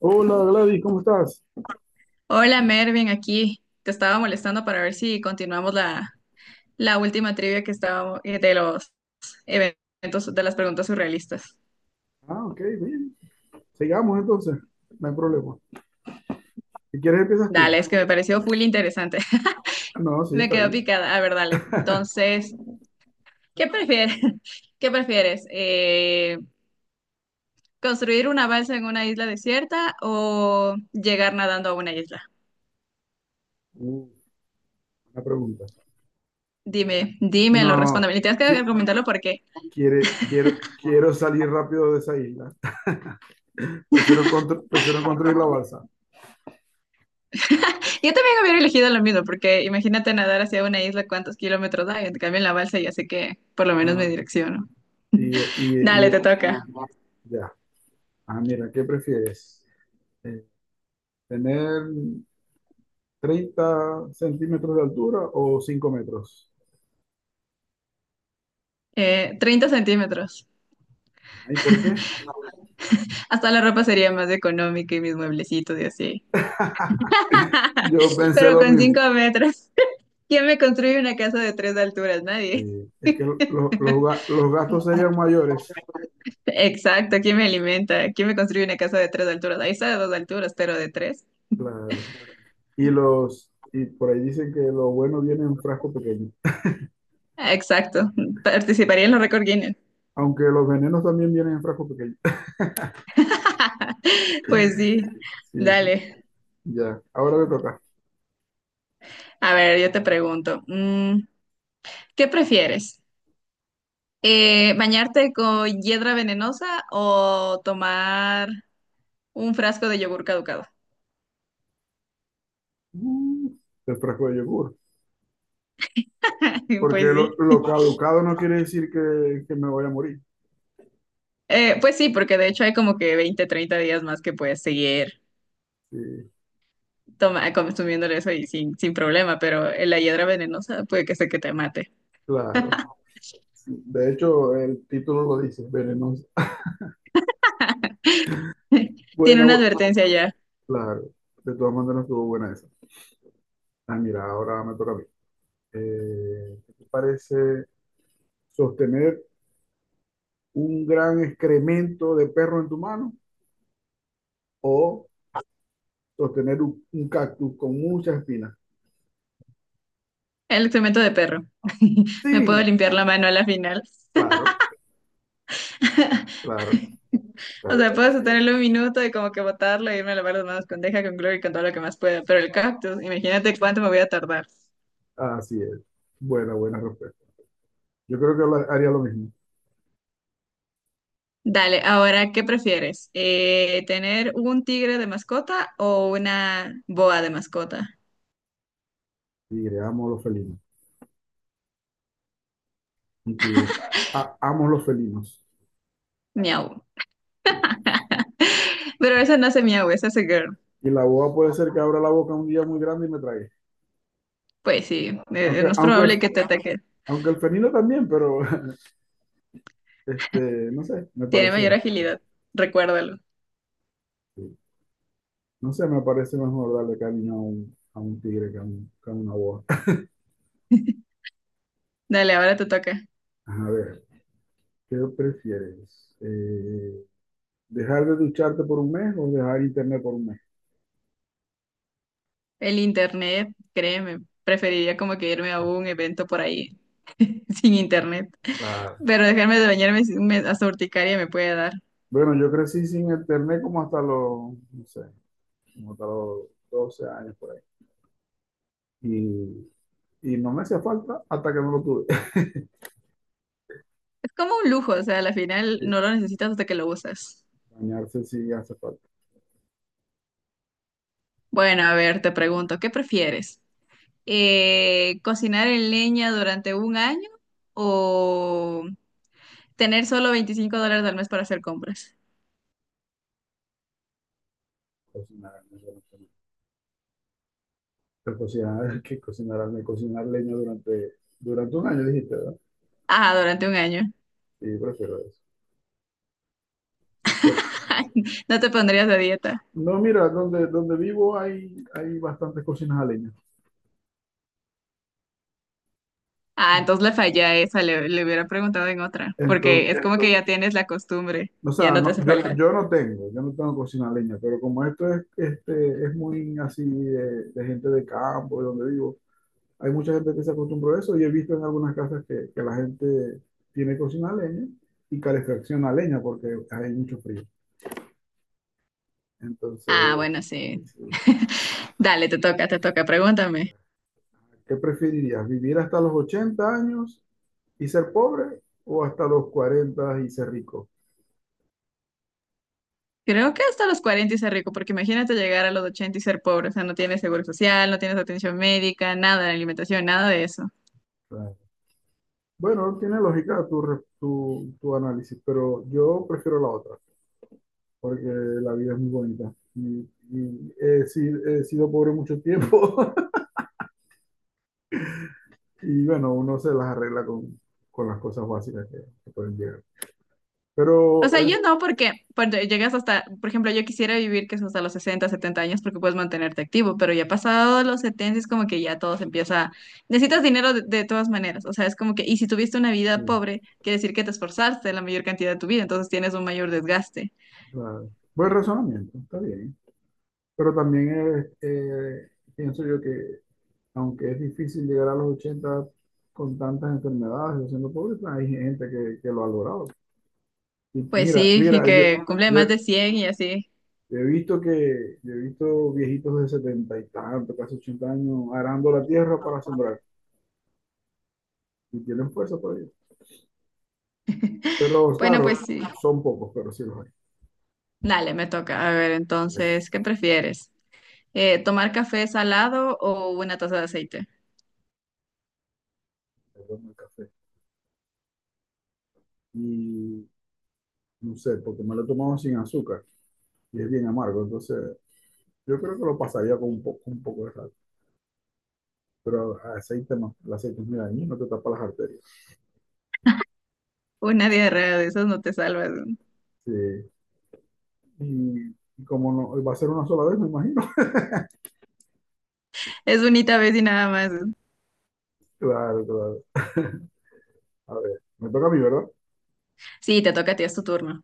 Hola Gladys, ¿cómo estás? Hola Mervin, aquí te estaba molestando para ver si continuamos la última trivia que estábamos de los eventos, de las preguntas surrealistas. Ah, ok, bien. Sigamos entonces, no hay problema. Si quieres empiezas tú. Dale, es que me pareció full interesante. Ah, no, sí, Me está quedo bien. picada. A ver, dale. Entonces, ¿qué prefieres? ¿Qué prefieres? ¿Construir una balsa en una isla desierta o llegar nadando a una isla? Uh, una pregunta. Dime, dímelo, No, respóndeme. Y tienes que qui- argumentarlo porque. Quiero salir rápido de esa isla. Prefiero construir la balsa. Yo también hubiera elegido lo mismo, porque imagínate nadar hacia una isla, ¿cuántos kilómetros hay? En cambio, en la balsa ya sé que por lo menos Ah, me direcciono. y, y, Dale, te y- toca. ya. Ah, mira, ¿qué prefieres? Eh, ¿Tener 30 centímetros de altura o 5 metros? 30 centímetros. ¿Y por qué? Hasta la ropa sería más económica y mis mueblecitos y así. Yo pensé Pero lo con mismo. 5 metros, ¿quién me construye una casa de tres alturas? Sí, Nadie. es que los, los gastos serían mayores, Exacto, ¿quién me alimenta? ¿Quién me construye una casa de tres alturas? Ahí está de dos alturas, pero de tres. claro. Y por ahí dicen que los buenos vienen en frasco pequeño. Exacto, participaría en los récord Guinness. Aunque los venenos también vienen en frasco pequeño. Pues sí, Sí, sí, dale. ya. Ahora te toca. A ver, yo te pregunto. ¿Qué prefieres? ¿Bañarte con hiedra venenosa o tomar un frasco de yogur caducado? Mm, el frasco de yogur. Porque Pues sí. lo caducado no quiere decir que me voy a morir. Pues sí, porque de hecho hay como que 20, 30 días más que puedes seguir Sí, consumiendo eso y sin problema, pero la hiedra venenosa puede que sea que te mate. claro. Sí, de hecho, el título lo dice, venenos. Tiene Buena, una bu- advertencia ya. claro. De todas maneras estuvo buena esa. Ah, mira, ahora me toca a mí. ¿Qué te parece? Sostener un gran excremento de perro en tu mano o sostener un cactus con muchas espinas. El excremento de perro. Me puedo Sí, limpiar la mano a la final. claro, claro, O claro, sea, claro. puedo sostenerlo un minuto y como que botarlo y irme a lavar las manos con deja, con cloro y con todo lo que más pueda. Pero el cactus, imagínate cuánto me voy a tardar. Así es. Buena, buena respuesta. Yo creo que haría lo mismo. Dale, ahora, ¿qué prefieres? ¿Tener un tigre de mascota o una boa de mascota? Tigre, amo los felinos. Un tigre. Amo los felinos. Miau. Sí. Pero esa no hace miau, esa hace girl. Y la boa puede ser que abra la boca un día muy grande y me trague. Pues sí, es Aunque, más probable aunque, que te ataque. aunque el felino también, pero este, no sé, me Tiene mayor parece. agilidad, recuérdalo. Sí. No sé, me parece mejor darle cariño a a un tigre que que a una boa. Dale, ahora te toca. A ver, ¿qué prefieres? ¿Dejar de ducharte por un mes o dejar internet por un mes? El internet, créeme, preferiría como que irme a un evento por ahí, sin internet. Ah, Pero dejarme de bañarme sí hasta urticaria me puede dar. bueno, yo crecí sin internet como hasta los, no sé, como hasta los 12 años por ahí. Y, y no me hacía falta hasta que no lo tuve. Es como un lujo, o sea, a la final no lo necesitas hasta que lo usas. Bañarse sí hace falta. Bueno, a ver, te pregunto, ¿qué prefieres? ¿Cocinar en leña durante un año o tener solo $25 al mes para hacer compras? Cocinar, no sé, no sé. Pero cocinar, que cocinar, me cocinar leña durante 1 año, dijiste, ¿verdad? Ah, durante un año. Sí, prefiero eso. Porque No te pondrías a dieta. no, mira, donde vivo hay, hay bastantes cocinas a leña. Ah, entonces le fallé a esa, le hubiera preguntado en otra, porque Entonces, es como que ya tienes la costumbre, o ya sea, no te no, hace falta. Yo no tengo cocina a leña, pero como esto es, este, es muy así de gente de campo, de donde vivo, hay mucha gente que se acostumbró a eso y he visto en algunas casas que la gente tiene cocina a leña y calefacción a leña porque hay mucho frío. Ah, Entonces, bueno, sí. sí, Dale, te toca, pregúntame. ¿qué preferirías? ¿Vivir hasta los 80 años y ser pobre o hasta los 40 y ser rico? Creo que hasta los 40 y ser rico, porque imagínate llegar a los 80 y ser pobre, o sea, no tienes seguro social, no tienes atención médica, nada de alimentación, nada de eso. Bueno, tiene lógica tu análisis, pero yo prefiero la otra, porque la vida es muy bonita. Y he, si- He sido pobre mucho tiempo y bueno, uno se las arregla con las cosas básicas que pueden llegar. O Pero sea, yo es, no, porque cuando llegas hasta, por ejemplo, yo quisiera vivir que es hasta los 60 70 años porque puedes mantenerte activo, pero ya pasado los 70 es como que ya todo se empieza, necesitas dinero de todas maneras, o sea, es como que, y si tuviste una vida sí, pobre, quiere decir que te esforzaste la mayor cantidad de tu vida, entonces tienes un mayor desgaste. claro, buen razonamiento, está bien. Pero también pienso yo que aunque es difícil llegar a los 80 con tantas enfermedades o siendo pobre, pues, hay gente que lo ha logrado. Y Pues mira, sí, y mira, yo... que cumple Yo, más de 100 y así. Yo he visto yo he visto viejitos de 70 y tanto, casi 80 años, arando la tierra para sembrar y tienen fuerza por ello. Pero Bueno, pues claro, sí. son pocos, pero sí los hay. Dale, me toca. A ver, Vale, entonces, ¿qué prefieres? ¿Tomar café salado o una taza de aceite? perdón el café. Y no sé, porque me lo he tomado sin azúcar y es bien amargo, entonces yo creo que lo pasaría con un poco de sal. Pero aceite no, el aceite es muy dañino, te tapa las arterias. Una diarrea de esas no te salvas, ¿no? Sí. Y como no, va a ser una sola vez, me imagino. Es bonita vez y nada más, ¿no? Claro, claro. A ver, me toca a mí, ¿verdad? Sí, te toca a ti, es tu turno.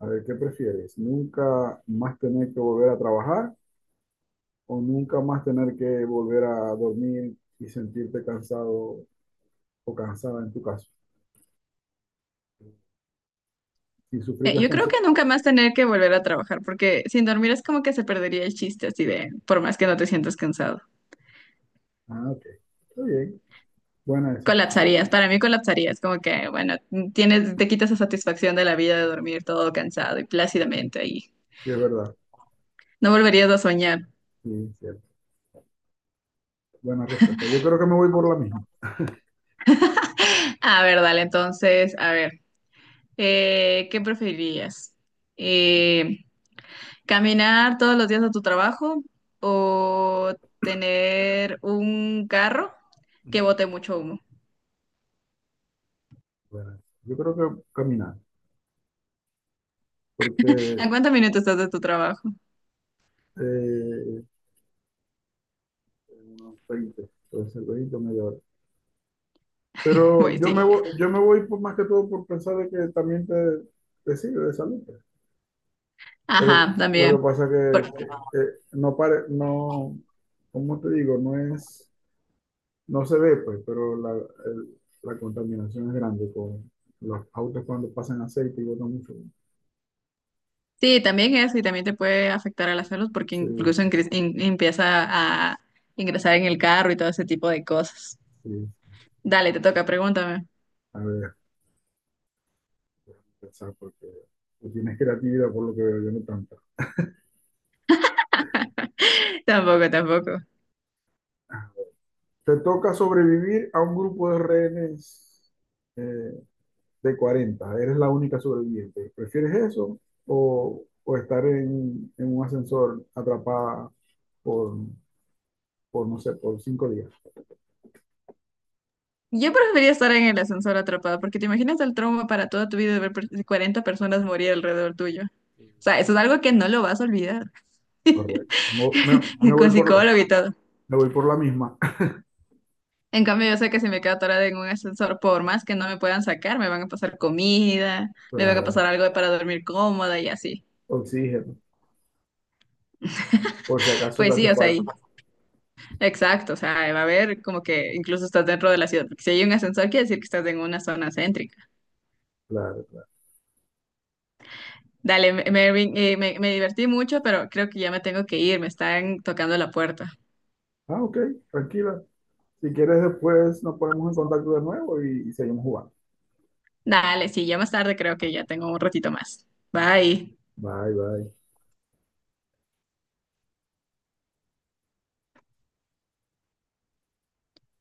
A ver, ¿qué prefieres? ¿Nunca más tener que volver a trabajar o nunca más tener que volver a dormir y sentirte cansado o cansada en tu caso? Sin sufrir las Yo creo que consecuencias. nunca más tener que volver a trabajar, porque sin dormir es como que se perdería el chiste, así de, por más que no te sientas cansado. Ah, ok. Está bien. Buena esa. Colapsarías, para mí colapsarías, como que, bueno, tienes, te quitas la satisfacción de la vida de dormir todo cansado y plácidamente ahí. Sí, es verdad. No volverías a soñar. Sí, cierto. Buena respuesta. Yo creo que me voy por la misma. A ver, dale, entonces, a ver. ¿Qué preferirías? Eh, ¿Caminar todos los días a tu trabajo o tener un carro que Ujú. bote mucho humo? Buena. Yo creo que caminar, ¿En porque cuántos minutos estás de tu trabajo? eh, unos 20, puede ser 20 o media hora. Voy, Pero sí. Yo me voy por, más que todo por pensar de que también te sirve de salud. Lo Ajá, lo también. que pasa Por- que no pare, no, cómo te digo, no es, no se ve, pues, pero el- la contaminación es grande con los autos cuando pasan aceite y botan mucho. sí, también eso y también te puede afectar a las salud porque Sí, incluso sí, empieza a ingresar en el carro y todo ese tipo de cosas. sí. Dale, te toca, pregúntame. A ver, déjame pensar porque tú tienes creatividad por lo que veo, yo no tanta. Tampoco, tampoco. Te toca sobrevivir a un grupo de rehenes eh, de 40, eres la única sobreviviente. ¿Prefieres eso o estar en un ascensor atrapada por, por, no sé, por 5 días? Yo preferiría estar en el ascensor atrapada, porque te imaginas el trauma para toda tu vida de ver 40 personas morir alrededor tuyo. O sea, eso es algo que no lo vas a olvidar, Correcto. Me voy con por, psicólogo y todo. me voy por la misma. En cambio, yo sé que si me quedo atorada en un ascensor, por más que no me puedan sacar, me van a pasar comida, O me van a sea, pasar algo para dormir cómoda y así. oxígeno, por si acaso te Pues sí, hace o sea, falta. exacto, o sea, va a haber como que incluso estás dentro de la ciudad, porque si hay un ascensor, quiere decir que estás en una zona céntrica. Claro, claro. Dale, Mervin, me divertí mucho, pero creo que ya me tengo que ir, me están tocando la puerta. Ah, ok, tranquila. Si quieres, después nos ponemos en contacto de nuevo y seguimos jugando. Dale, sí, ya más tarde creo que ya tengo un ratito más. Bye. Bye, bye.